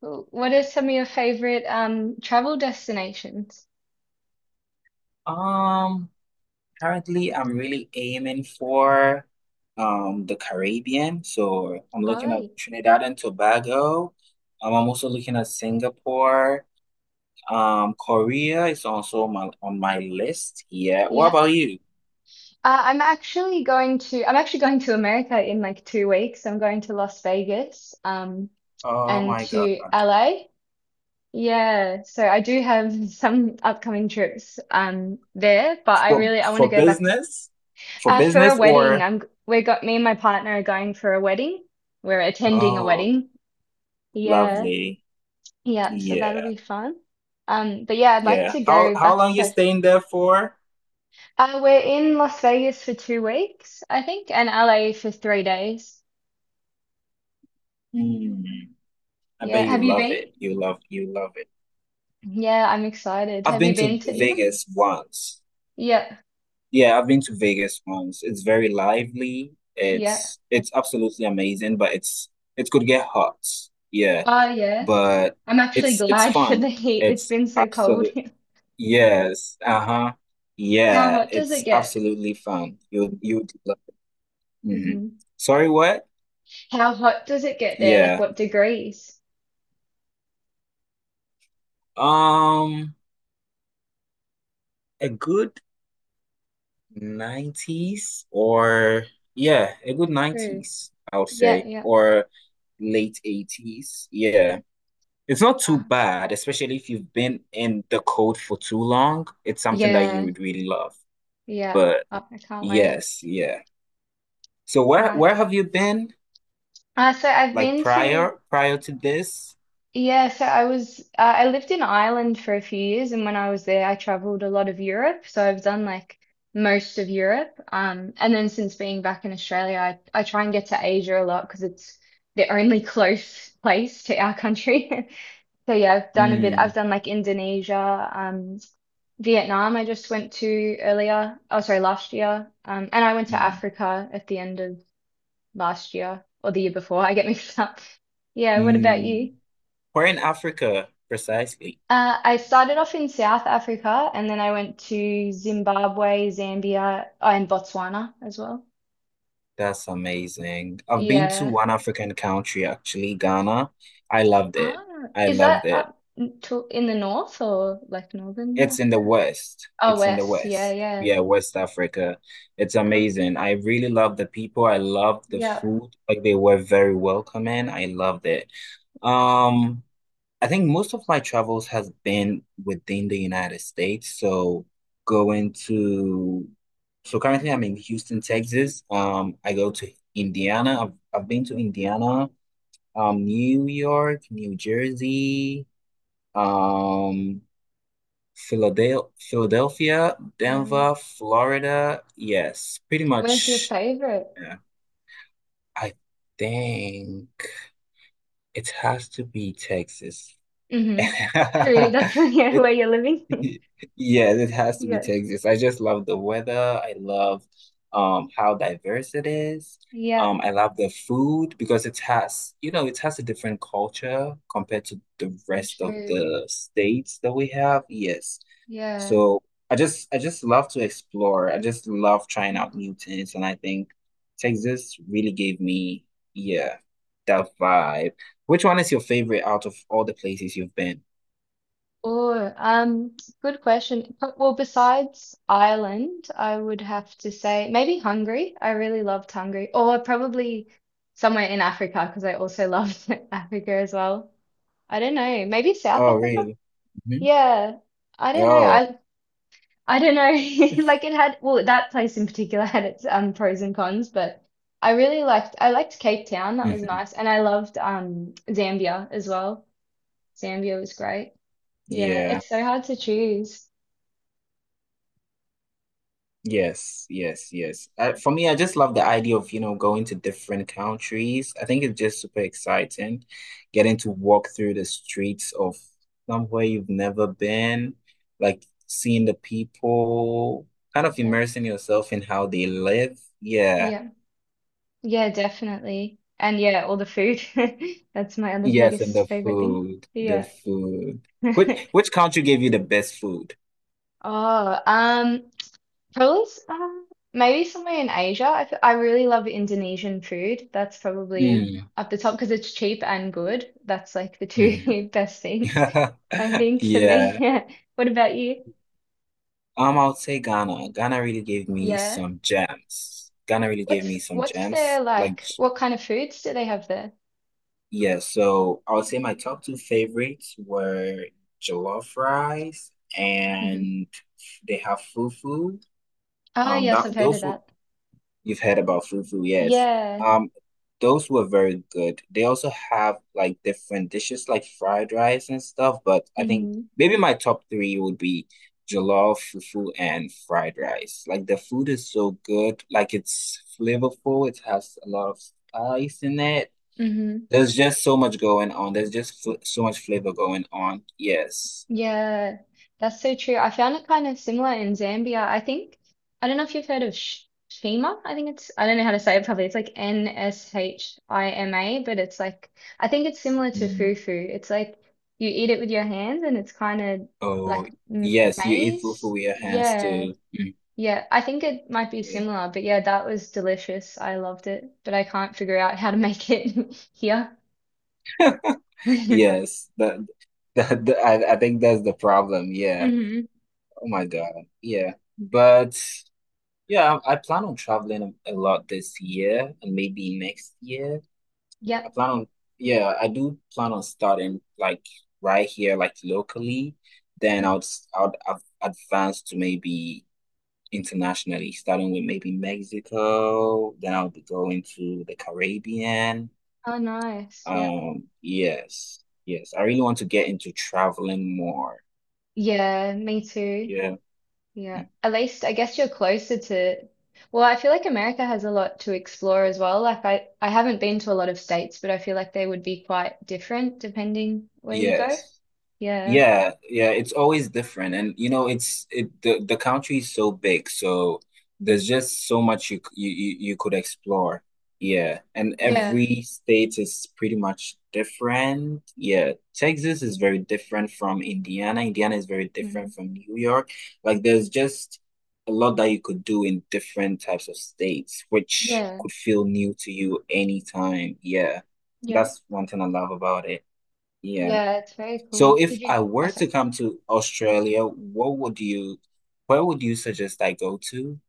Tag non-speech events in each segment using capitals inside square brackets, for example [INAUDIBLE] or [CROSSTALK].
Cool. What are some of your favorite travel destinations? Um, currently I'm really aiming for the Caribbean. So I'm looking at Oh. Trinidad and Tobago. I'm also looking at Singapore. Korea is also on my list. Yeah. What Yeah. about you? I'm actually going to America in like 2 weeks. I'm going to Las Vegas Oh and my to God. LA. Yeah, so I do have [LAUGHS] some upcoming trips there, but For I want to for go back to. business? For For a business wedding. or I'm We got, me and my partner are going for a wedding. We're attending a oh, wedding. Yeah. lovely. Yeah, so that'll Yeah. be fun. But yeah, I'd like Yeah. to How go how back long you to. staying there for? We're in Las Vegas for 2 weeks, I think, and LA for 3 days. Mm, I Yeah. bet you Have you love it. been? You love it. Yeah, I'm excited. I've Have been you been to to either? Vegas once. Yeah. Yeah, I've been to Vegas once. It's very lively. Yeah. It's absolutely amazing, but it could get hot. Yeah, Oh, yeah. but I'm actually it's glad for the fun. heat. It's It's been so cold absolute here. Yes. Uh-huh. How Yeah, hot does it it's get? absolutely fun. You would love it. hmm Hmm. Sorry, what? How hot does it get there? Like Yeah. what degrees? Um, a good 90s or yeah, a good True. 90s, I would Yeah, say, yeah. or late 80s. Yeah. It's not too Uh, bad, especially if you've been in the cold for too long. It's something that you yeah, would really love. yeah. But Oh, I can't wait. yes, yeah. So where No. where have you been So I've like been to. prior to this? Yeah, so I was I lived in Ireland for a few years, and when I was there, I traveled a lot of Europe. So I've done like most of Europe. And then since being back in Australia, I try and get to Asia a lot because it's the only [LAUGHS] close place to our country. [LAUGHS] So yeah, I've done a bit. I've Mm, done like Indonesia, Vietnam. I just went to earlier. Oh, sorry, last year. And I went to mm, Africa at the end of last year or the year before. I get mixed up. Yeah, what about mm. you? Where in Africa precisely? I started off in South Africa and then I went to Zimbabwe, Zambia, oh, and Botswana as well. That's amazing. I've been to Yeah. one African country, actually, Ghana. I loved it. Ah, I is that loved it. To in the north or like northern It's in the Africa? West. Oh, It's in the west. Yeah, West. yeah. Yeah, West Africa. It's Um, amazing. I really love the people. I love the yeah. food. Like they were very welcoming. I loved it. Um, I think most of my travels has been within the United States. Going to, so currently I'm in Houston, Texas. I go to Indiana. I've been to Indiana, New York, New Jersey, um, Philadelphia, Wow. Denver, Florida. Yes, pretty Where's your much. favorite? Yeah, I think it has to be Texas. [LAUGHS] Mm-hmm. True. That's [LAUGHS] yeah, It where you're living. [LAUGHS] [LAUGHS] Yeah, it has to be Yeah. Texas. I just love the weather. I love how diverse it is. Yeah. I love the food because it has a different culture compared to the rest of True. the states that we have. Yes. Yeah. So I just love to explore. I just love trying out new things, and I think Texas really gave me, yeah, that vibe. Which one is your favorite out of all the places you've been? Oh, good question. But- well, besides Ireland, I would have to say maybe Hungary. I really loved Hungary, or probably somewhere in Africa because I also loved [LAUGHS] Africa as well. I don't know, maybe South Oh, Africa. really? Mm-hmm. Yeah, I don't know. Oh, I don't know. [LAUGHS] Like it had, well, that place in particular [LAUGHS] had its pros and cons, but I liked Cape Town. That was mhm. nice, and I loved Zambia as well. Zambia was great. Yeah, Yeah. it's so hard to choose. Yes, yes, yes. For me, I just love the idea of going to different countries. I think it's just super exciting getting to walk through the streets of somewhere you've never been, like seeing the people, kind of Yeah, immersing yourself in how they live. Yeah. yeah, yeah, definitely. And yeah, all the food. [LAUGHS] That's my other Yes, and the biggest favorite thing. food, the Yeah. food. Which [LAUGHS] which country gave you the best food? Oh, probably maybe somewhere in Asia. I really love Indonesian food. That's probably Mm, up the top because it's cheap and good. That's like the mhm. two [LAUGHS] best things I [LAUGHS] think for me. [LAUGHS] Yeah. Yeah. What about you? I would say Ghana. Ghana really gave me Yeah. some gems. Ghana really gave What's me some what's their gems. Like, like? What kind of foods do they have there? yeah, so I would say my top two favorites were jollof rice Hmm. and they have fufu. Oh, yes, That I've heard of those were that. You've heard about fufu, yes. Yeah. Um, those were very good. They also have like different dishes like fried rice and stuff, but I think Mm-hmm. maybe my top three would be jollof, fufu, and fried rice. Like the food is so good. Like it's flavorful. It has a lot of spice in it. Hmm. There's just so much going on. There's just fl so much flavor going on. Yes. Yeah, that's so true. I found it kind of similar in Zambia. I think, I don't know if you've heard of Sh Shima. I think it's, I don't know how to say it properly. It's like Nshima, but it's like, I think it's similar to Mm. fufu. It's like you eat it with your hands and it's kind of Oh, like m yes. You eat fufu maize. with your hands Yeah. too. Yeah. I think it might be Mm. similar, but yeah, that was delicious. I loved it, but I can't figure out how to make it [LAUGHS] here. [LAUGHS] Hmm. Yes, I think that's the problem. Yeah. Oh my God. Yeah. But yeah, I plan on traveling a lot this year and maybe next year. I Yep. plan on, yeah, I do plan on starting like right here, like locally. Then I'll, s- I'll, I advance to maybe internationally, starting with maybe Mexico. Then I'll be going to the Caribbean. Oh, nice. Yeah. Yes. Yes, I really want to get into traveling more. Yeah, me too. Yeah. Yeah. Mm. At least I guess you're closer to, well, I feel like America has a lot to explore as well. Like I haven't been to a lot of states, but I feel like they would be quite different depending where you go. Yes. Yeah. Yeah, yeah, it's always different. And it's it the country is so big, so there's just so much you c- you could explore. Yeah. And Yeah. every state is pretty much different. Yeah. Texas is very different from Indiana. Indiana is very different Mhm. from New York. Like there's just a lot that you could do in different types of states, which Yeah, could feel new to you anytime. Yeah. yeah. That's one thing I love about it. Yeah. Yeah, it's very cool. So Did if you— I oh, were to sorry. come to Australia, where would you suggest I go to?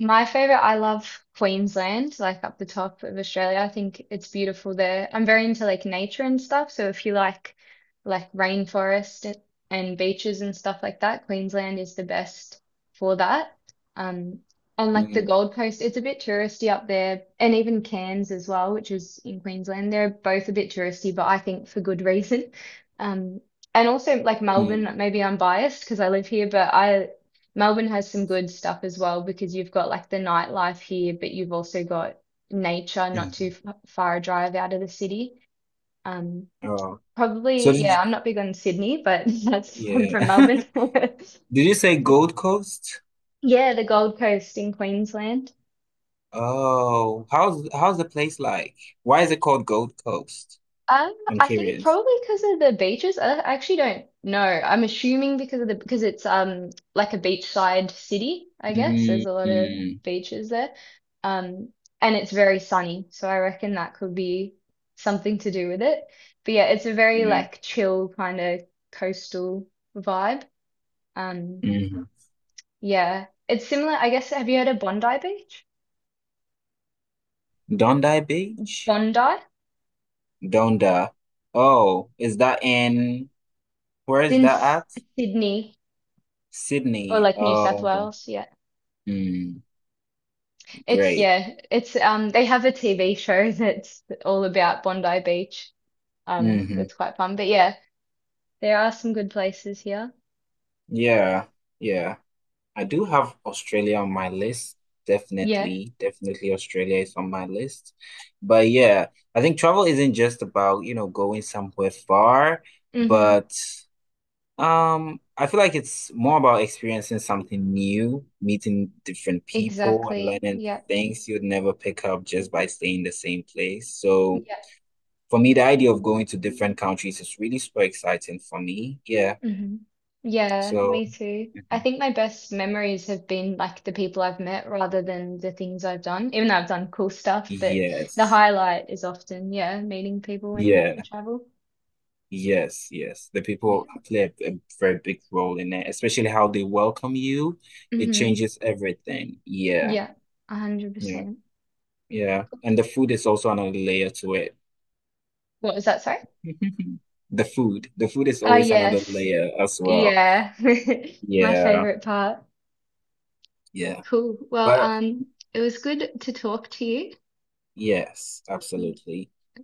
My favorite, I love Queensland, like up the top of Australia. I think it's beautiful there. I'm very into like nature and stuff. So if you like rainforest and beaches and stuff like that, Queensland is the best for that. Um, and like the Mm, Gold Coast, it's a bit touristy up there, and even Cairns as well, which is in Queensland. They're both a bit touristy, but I think for good reason. [LAUGHS] Um, and also like mm, Melbourne, maybe I'm biased because I live here, but I Melbourne has some good stuff as well because you've got like the nightlife here, but you've also got nature not too mm. f far a drive out of the city. Um, Oh, so probably, yeah, I'm not big on Sydney, but [LAUGHS] that's I'm from yeah. Melbourne. [LAUGHS] [LAUGHS] Did you say Gold Coast? Yeah, the Gold Coast in Queensland. Oh, how's the place like? Why is it called Gold Coast? I'm I think curious. probably because of the beaches. I actually don't know. I'm assuming because of the because it's like a beachside city, I guess. Mm, There's a lot of mm. beaches there. Um, and it's very sunny, so I reckon that could be something to do with it. But yeah, it's a very Yeah. like chill kind of coastal vibe. Um, hmm yeah. It's similar, I guess. Have you heard of Bondi Beach? Bondi Beach? Bondi? It's Donda. Oh, where is in that S- at? Sydney or Sydney. like New South Oh, Wales. Yeah. mm, It's great. yeah, it's they have a TV show [LAUGHS] that's all about Bondi Beach. Hmm That's quite fun. But yeah, there are some good places here. Yeah, yeah. I do have Australia on my list. Yeah. Definitely, definitely Australia is on my list. But yeah, I think travel isn't just about going somewhere far, Mm-hmm. but I feel like it's more about experiencing something new, meeting different people and Exactly. learning Yeah. things you'd never pick up just by staying in the same place. So Yeah. for me, the idea of going to different countries is really super exciting for me. Yeah. Mm-hmm. Yeah, So me too. I think my best memories have been like the people I've met rather than the things I've done, even though I've done cool stuff, but the Yes. highlight is often, yeah, meeting people when I Yeah. travel. Yes. Yes. The Yeah. people play a very big role in it, especially how they welcome you. It Mm-hmm. changes everything. Yeah. Yeah, Yeah. 100%. Yeah. And the food is also another layer to it. What was that? Sorry? [LAUGHS] The food. The food is Oh, always another yes. layer as well. Yeah, [LAUGHS] my Yeah. favorite part. Yeah. Cool. Well, But it was good to talk to you. yes, absolutely.